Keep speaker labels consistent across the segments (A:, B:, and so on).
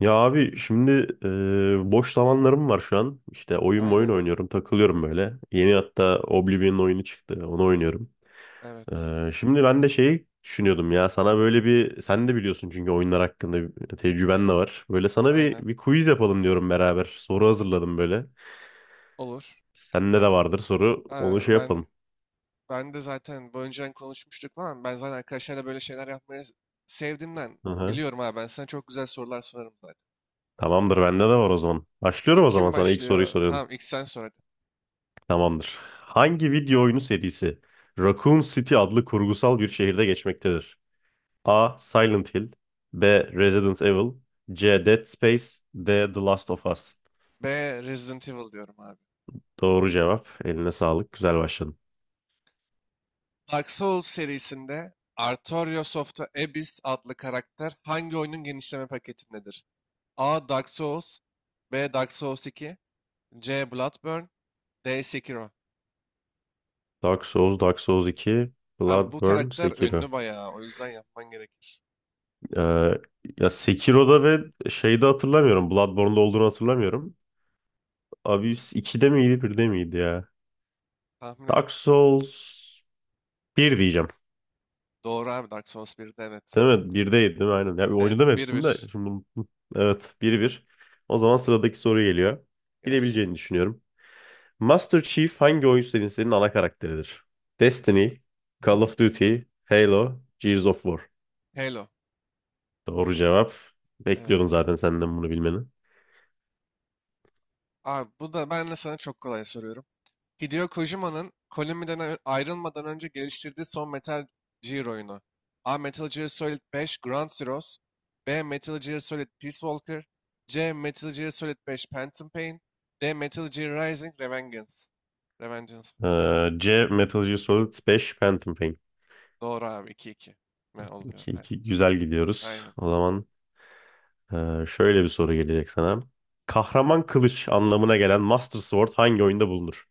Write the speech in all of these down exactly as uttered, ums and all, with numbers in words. A: Ya abi şimdi e, boş zamanlarım var şu an. İşte oyun oyun
B: Aynen.
A: oynuyorum, takılıyorum böyle. Yeni hatta Oblivion oyunu çıktı, onu oynuyorum.
B: Evet.
A: E, şimdi ben de şeyi düşünüyordum ya, sana böyle bir, sen de biliyorsun çünkü oyunlar hakkında bir tecrüben de var. Böyle sana bir,
B: Aynen.
A: bir quiz yapalım diyorum beraber. Soru hazırladım böyle.
B: Olur.
A: Sende
B: Ha-
A: de vardır soru,
B: ha,
A: onu şey
B: Ben
A: yapalım.
B: ben de zaten bu önceden konuşmuştuk falan. Ben zaten arkadaşlarla böyle şeyler yapmayı s- sevdiğimden
A: Hı hı.
B: biliyorum abi. Ben sana çok güzel sorular sorarım zaten.
A: Tamamdır, bende de var o zaman. Başlıyorum,
B: İlk
A: o zaman
B: kim
A: sana ilk soruyu
B: başlıyor?
A: soruyorum.
B: Tamam, ilk sen sor hadi.
A: Tamamdır. Hangi video oyunu serisi Raccoon City adlı kurgusal bir şehirde geçmektedir? A. Silent Hill, B. Resident Evil, C. Dead Space, D. The Last of Us.
B: B. Resident Evil diyorum abi.
A: Doğru cevap. Eline sağlık. Güzel başladın.
B: Dark Souls serisinde Artorias of the Abyss adlı karakter hangi oyunun genişleme paketindedir? A. Dark Souls B. Dark Souls iki C. Bloodborne D. Sekiro.
A: Dark Souls, Dark Souls iki,
B: Abi bu
A: Bloodborne,
B: karakter
A: Sekiro.
B: ünlü bayağı. O yüzden yapman gerekir.
A: Ee, ya Sekiro'da ve şeyde hatırlamıyorum. Bloodborne'da olduğunu hatırlamıyorum. Abyss ikide miydi, birde miydi ya?
B: Tahmin
A: Dark
B: et.
A: Souls bir diyeceğim.
B: Doğru abi, Dark Souls birde evet.
A: Değil mi? birdeydi değil mi? Aynen. Ya, oynadım
B: Evet, bir
A: hepsini de.
B: bir
A: Şimdi bunu- Evet, 1 bir. O zaman sıradaki soru geliyor.
B: Gelsin.
A: Bilebileceğini düşünüyorum. Master Chief hangi oyun serisinin ana karakteridir?
B: Evet abi.
A: Destiny, Call of Duty, Halo, Gears of War.
B: Halo.
A: Doğru cevap. Bekliyordum
B: Evet.
A: zaten senden bunu bilmeni.
B: Abi bu da ben de sana çok kolay soruyorum. Hideo Kojima'nın Konami'den ö- ayrılmadan önce geliştirdiği son Metal Gear oyunu. A. Metal Gear Solid beş Ground Zeroes B. Metal Gear Solid Peace Walker C. Metal Gear Solid beş Phantom Pain D. Metal Gear Rising Revengeance. Revengeance.
A: Ee, C. Metal Gear Solid beş Phantom Pain.
B: Doğru abi, iki iki mi oluyor?
A: 2,
B: Aynen.
A: 2. Güzel gidiyoruz.
B: Aynen.
A: O zaman e, şöyle bir soru gelecek sana. Kahraman kılıç anlamına gelen Master Sword hangi oyunda bulunur?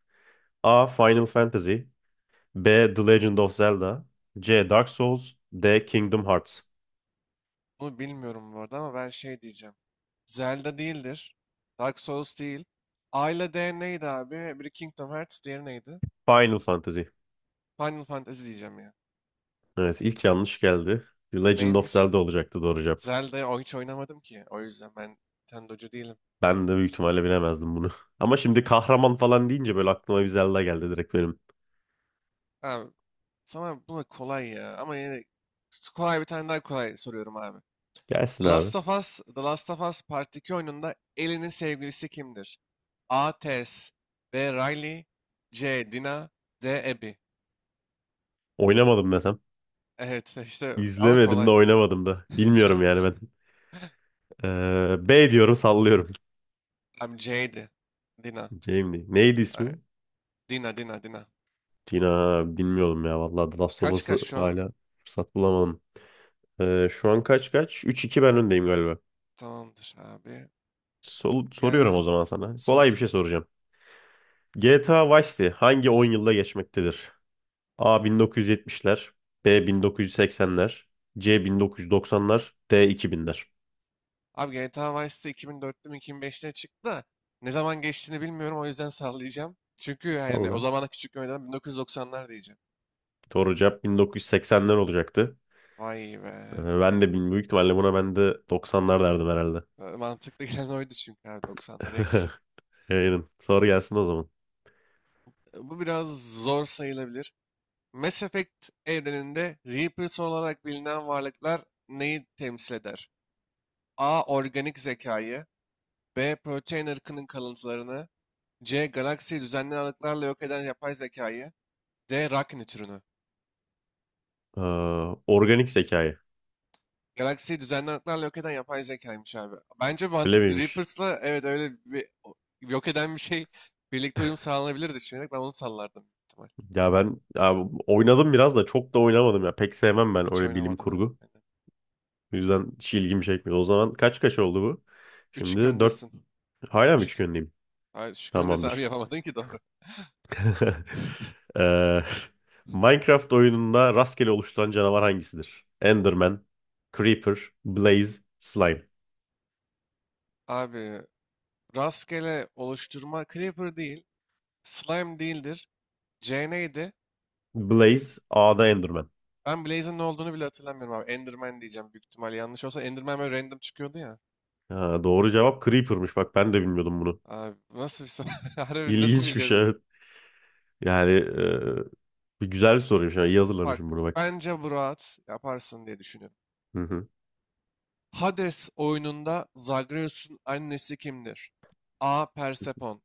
A: A. Final Fantasy, B. The Legend of Zelda, C. Dark Souls, D. Kingdom Hearts.
B: Bunu bilmiyorum bu arada ama ben şey diyeceğim. Zelda değildir. Dark Souls değil. A ile D neydi abi? Biri Kingdom Hearts, diğeri neydi?
A: Final Fantasy.
B: Final Fantasy diyeceğim ya.
A: Evet, ilk yanlış geldi. The Legend of
B: Neymiş?
A: Zelda olacaktı doğru cevap.
B: Zelda'yı o- hiç oynamadım ki. O yüzden ben Nintendo'cu değilim.
A: Ben de büyük ihtimalle bilemezdim bunu. Ama şimdi kahraman falan deyince böyle aklıma bir Zelda geldi direkt benim.
B: Abi sana bu da kolay ya. Ama yine de kolay bir tane, daha kolay soruyorum abi.
A: Gelsin
B: The
A: abi.
B: Last of Us, The Last of Us Part iki oyununda Ellie'nin sevgilisi kimdir? A. Tess B. Riley C. Dina D. Abby.
A: Oynamadım desem.
B: Evet, işte ama
A: İzlemedim de
B: kolay.
A: oynamadım da. Bilmiyorum yani ben. Ee, B diyorum, sallıyorum.
B: I'm C'ydi. Dina.
A: Jamie. Neydi
B: Ay,
A: ismi?
B: Dina, Dina, Dina.
A: Tina, bilmiyorum ya vallahi, The Last of
B: Kaç
A: Us'ı
B: kaç şu an?
A: hala fırsat bulamadım. Ee, şu an kaç kaç? Üç iki ben öndeyim galiba.
B: Tamamdır abi.
A: Sol- soruyorum o
B: Gelsin.
A: zaman sana. Kolay bir
B: Sor.
A: şey soracağım. G T A Vice City hangi on yılda geçmektedir? A. bin dokuz yüz yetmişler, B. bin dokuz yüz seksenler, C. bin dokuz yüz doksanlar, D. iki binler.
B: Abi G T A Vice'de iki bin dörtte mi iki bin beşte çıktı da ne zaman geçtiğini bilmiyorum, o yüzden sallayacağım. Çünkü yani o
A: Allah.
B: zamana küçük görmeden bin dokuz yüz doksanlar diyeceğim.
A: Doğru cevap bin dokuz yüz seksenler olacaktı.
B: Vay be.
A: Ee, Ben de bin- büyük ihtimalle buna ben de doksanlar derdim herhalde.
B: E, Mantıklı gelen oydu çünkü abi, doksanlara yakışır.
A: Aynen. Soru gelsin o zaman.
B: E, Bu biraz zor sayılabilir. Mass Effect evreninde Reapers olarak bilinen varlıklar neyi temsil eder? A. Organik zekayı B. Protein ırkının kalıntılarını C. Galaksiyi düzenli aralıklarla yok eden yapay zekayı D. Rakni türünü.
A: Ee, organik zekayı.
B: Galaksiyi düzenli aralıklarla yok eden yapay zekaymış abi. Bence
A: Öyle
B: mantıklı.
A: miymiş?
B: Reapers'la evet öyle bir o- yok eden bir şey birlikte uyum sağlanabilir düşünerek ben onu sallardım büyük ihtimal.
A: Ya ben, ya oynadım biraz da çok da oynamadım ya. Pek sevmem ben
B: Hiç
A: öyle bilim
B: oynamadım
A: kurgu.
B: herhalde.
A: O yüzden hiç ilgimi çekmiyor. O zaman kaç kaç oldu bu?
B: üç iki
A: Şimdi dört.
B: öndesin.
A: Hala mı üç
B: üç iki.
A: gönleyim?
B: Hayır, üç iki öndesin abi,
A: Tamamdır.
B: yapamadın ki doğru.
A: Ee, Minecraft oyununda rastgele oluşturan canavar hangisidir? Enderman, Creeper, Blaze, Slime.
B: Abi rastgele oluşturma Creeper değil. Slime değildir. C neydi?
A: Blaze, A'da Enderman.
B: Ben Blaze'in ne olduğunu bile hatırlamıyorum abi. Enderman diyeceğim büyük ihtimal. Yanlış olsa Enderman böyle random çıkıyordu ya.
A: Ha, doğru cevap Creeper'mış. Bak ben de bilmiyordum bunu.
B: Abi bu nasıl bir soru? Harbi nasıl
A: İlginç bir
B: bileceğiz?
A: şey, evet. Yani e, bir güzel bir soruymuş. Yani iyi hazırlamışım
B: Bak
A: bunu, bak.
B: bence bu rahat yaparsın diye düşünüyorum.
A: Hı hı.
B: Hades oyununda Zagreus'un annesi kimdir? A. Persefone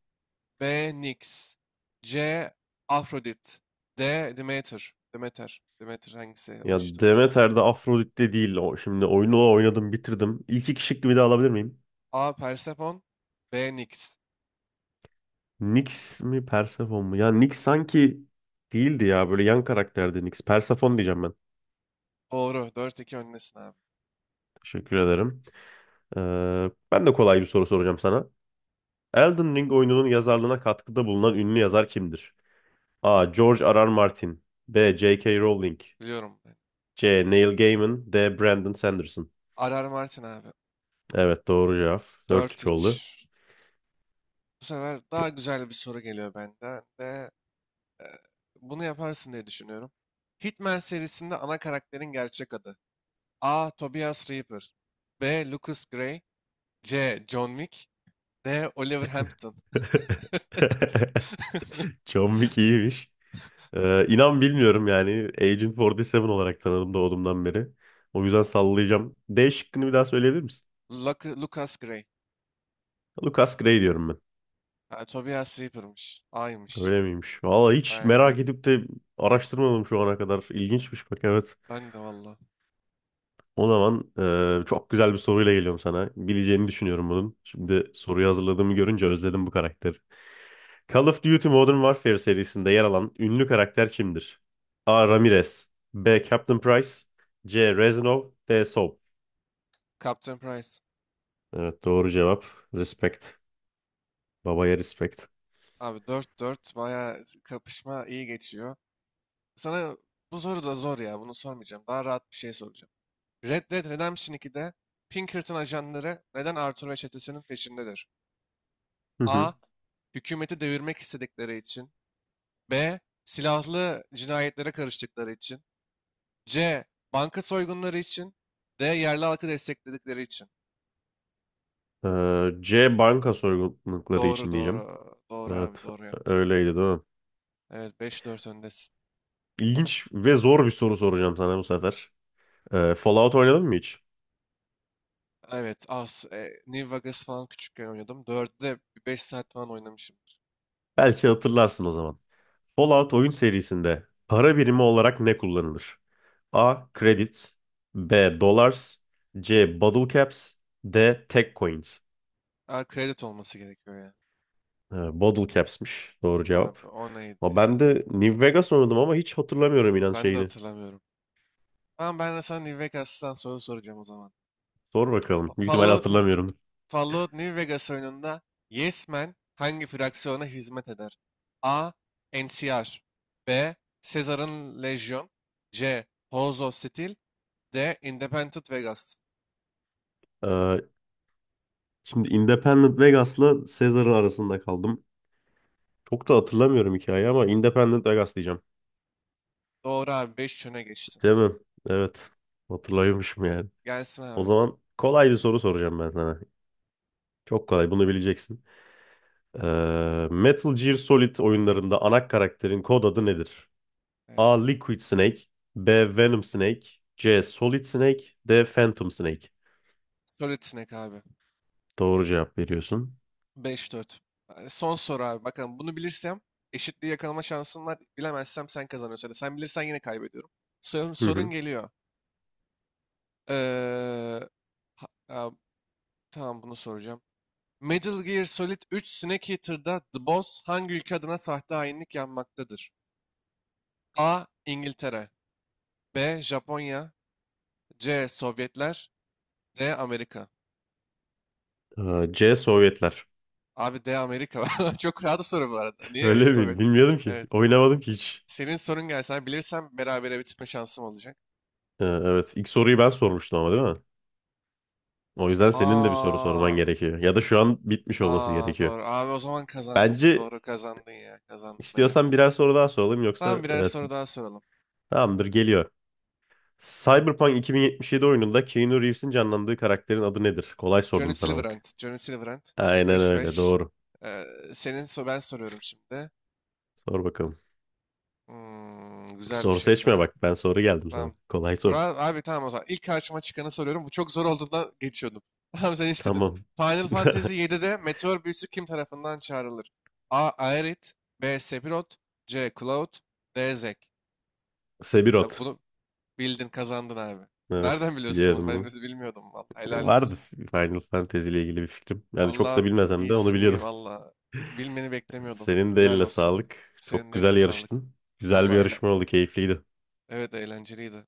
B: B. Nix C. Afrodit D. Demeter. Demeter Demeter hangisi o
A: Ya
B: işte.
A: Demeter'de Afrodit'te değil. O, şimdi oyunu oynadım bitirdim. İlk iki şıkkı bir daha alabilir miyim?
B: A. Persephone B. Nix.
A: Nyx mi, Persephone mu? Ya Nyx sanki değildi ya. Böyle yan karakterdi Nyx. Persephone diyeceğim ben.
B: Doğru. Dört iki öndesin abi.
A: Teşekkür ederim. Ee, ben de kolay bir soru soracağım sana. Elden Ring oyununun yazarlığına katkıda bulunan ünlü yazar kimdir? A. George R. R. Martin, B. J. K. Rowling,
B: Biliyorum ben.
A: C. Neil Gaiman, D. Brandon Sanderson.
B: Arar Martin abi.
A: Evet, doğru cevap. Dört
B: dört
A: üç
B: üç
A: oldu.
B: Bu sefer daha güzel bir soru geliyor benden de. e, bunu yaparsın diye düşünüyorum. Hitman serisinde ana karakterin gerçek adı. A. Tobias Reaper B. Lucas Gray C. John Wick D. Oliver Hampton.
A: John Wick iyiymiş. Ee, inan bilmiyorum yani. Agent kırk yedi olarak tanıdım doğduğumdan beri. O yüzden sallayacağım. D şıkkını bir daha söyleyebilir misin?
B: Lucas Gray.
A: Lucas Gray diyorum ben.
B: Ha, Tobias Reaper'mış. Aymış.
A: Öyle miymiş? Valla hiç
B: Aynen.
A: merak edip de araştırmadım şu ana kadar. İlginçmiş bak, evet.
B: Ben de valla.
A: O zaman e, çok güzel bir soruyla geliyorum sana. Bileceğini düşünüyorum bunun. Şimdi soruyu hazırladığımı görünce özledim bu karakteri. Call of Duty Modern Warfare serisinde yer alan ünlü karakter kimdir? A. Ramirez, B. Captain Price, C. Reznov, D. Soap.
B: Captain Price.
A: Evet, doğru cevap. Respect. Babaya respect.
B: Abi, dört dört, baya kapışma iyi geçiyor. Sana bu soru da zor ya. Bunu sormayacağım. Daha rahat bir şey soracağım. Red Dead Redemption ikide Pinkerton ajanları neden Arthur ve çetesinin peşindedir?
A: Hı
B: A.
A: hı.
B: Hükümeti devirmek istedikleri için. B. Silahlı cinayetlere karıştıkları için. C. Banka soygunları için. D. Yerli halkı destekledikleri için.
A: Ee, C, banka soygunlukları
B: Doğru,
A: için diyeceğim.
B: doğru. Doğru abi,
A: Evet,
B: doğru yaptın.
A: öyleydi değil mi?
B: Evet, beş dört öndesin.
A: İlginç ve zor bir soru soracağım sana bu sefer. Ee, Fallout oynadın mı hiç?
B: Evet, az. E, New Vegas falan küçükken oynadım. dörtte beş saat falan oynamışımdır.
A: Belki hatırlarsın o zaman. Fallout oyun serisinde para birimi olarak ne kullanılır? A. Credits, B. Dollars, C. Bottle Caps, D. Tech Coins.
B: Aa, kredi olması gerekiyor ya.
A: Ee, Bottle Caps'miş doğru cevap.
B: Abi o neydi
A: Ama
B: ya?
A: ben de New Vegas oynadım ama hiç hatırlamıyorum inan
B: Ben de
A: şeyini.
B: hatırlamıyorum. Ama ben de sana New Vegas'tan soru soracağım o zaman.
A: Sor
B: Fa-
A: bakalım. Büyük ihtimalle
B: Fallout,
A: hatırlamıyorum.
B: Fallout New Vegas oyununda Yes Man hangi fraksiyona hizmet eder? A. N C R B. Caesar'ın Legion C. House of Steel D. Independent Vegas.
A: Ee, şimdi Independent Vegas'la Caesar'ın arasında kaldım. Çok da hatırlamıyorum hikayeyi ama Independent Vegas diyeceğim.
B: Doğru abi, beş çöne geçtin.
A: Değil mi? Evet. Hatırlıyormuşum yani.
B: Gelsin
A: O
B: abi.
A: zaman kolay bir soru soracağım ben sana. Çok kolay. Bunu bileceksin. Ee, Metal Gear Solid oyunlarında ana karakterin kod adı nedir?
B: Evet,
A: A.
B: kolay.
A: Liquid Snake, B. Venom Snake, C. Solid Snake, D. Phantom Snake.
B: Solid Snake abi.
A: Doğru cevap veriyorsun.
B: Beş dört. Ee, Son soru abi. Bakalım, bunu bilirsem eşitliği yakalama şansım var. Bilemezsem sen kazanıyorsun. Ya da sen bilirsen yine kaybediyorum. Sorun,
A: Hı
B: sorun
A: hı.
B: geliyor. Ee, ha- ha, tamam bunu soracağım. Metal Gear Solid üç Snake Eater'da The Boss hangi ülke adına sahte hainlik yapmaktadır? A. İngiltere B. Japonya C. Sovyetler D. Amerika.
A: Ee, C. Sovyetler.
B: Abi, D. Amerika. Çok rahat soru bu arada.
A: Öyle
B: Niye Sovyet?
A: miydi? Bilmiyordum ki.
B: Evet.
A: Oynamadım ki hiç.
B: Senin sorun gelsen bilirsem berabere bitirme şansım olacak.
A: Ha, evet. İlk soruyu ben sormuştum ama, değil mi? O yüzden senin de bir soru sorman
B: Aa,
A: gerekiyor. Ya da şu an bitmiş olması
B: aa
A: gerekiyor.
B: doğru. Abi o zaman kazandın.
A: Bence
B: Doğru, kazandın ya. Kazandın, evet.
A: istiyorsan birer soru daha soralım,
B: Tamam,
A: yoksa
B: birer
A: evet,
B: soru daha soralım.
A: tamamdır geliyor. Cyberpunk iki bin yetmiş yedi oyununda Keanu Reeves'in canlandığı karakterin adı nedir? Kolay
B: Johnny
A: sordum sana,
B: Silverhand.
A: bak.
B: Johnny Silverhand.
A: Aynen öyle,
B: beş beş.
A: doğru.
B: Ee, senin so ben soruyorum şimdi.
A: Sor bakalım.
B: Hmm, güzel bir
A: Soru
B: şey
A: seçme,
B: soruyorum.
A: bak ben soru geldim sana.
B: Tamam.
A: Kolay soru.
B: Burak abi, tamam o zaman. İlk karşıma çıkanı soruyorum. Bu çok zor olduğundan geçiyordum. Tamam, sen istedin.
A: Tamam.
B: Final Fantasy yedide meteor büyüsü kim tarafından çağrılır? A. Aerith B. Sephiroth C. Cloud D. Zek. Ya
A: Sephiroth.
B: bunu bildin, kazandın abi. Nereden
A: Evet,
B: biliyorsun bunu? Ben
A: biliyorum.
B: de bilmiyordum vallahi. Helal
A: Vardı
B: olsun.
A: Final Fantasy ile ilgili bir fikrim. Yani çok da
B: Vallahi
A: bilmesem de onu
B: iyisin, iyi
A: biliyordum.
B: vallahi. Bilmeni beklemiyordum.
A: Senin de
B: Helal
A: eline
B: olsun.
A: sağlık. Çok
B: Senin de eline
A: güzel
B: sağlık.
A: yarıştın. Güzel bir
B: Vallahi eyle.
A: yarışma oldu, keyifliydi.
B: Evet, eğlenceliydi.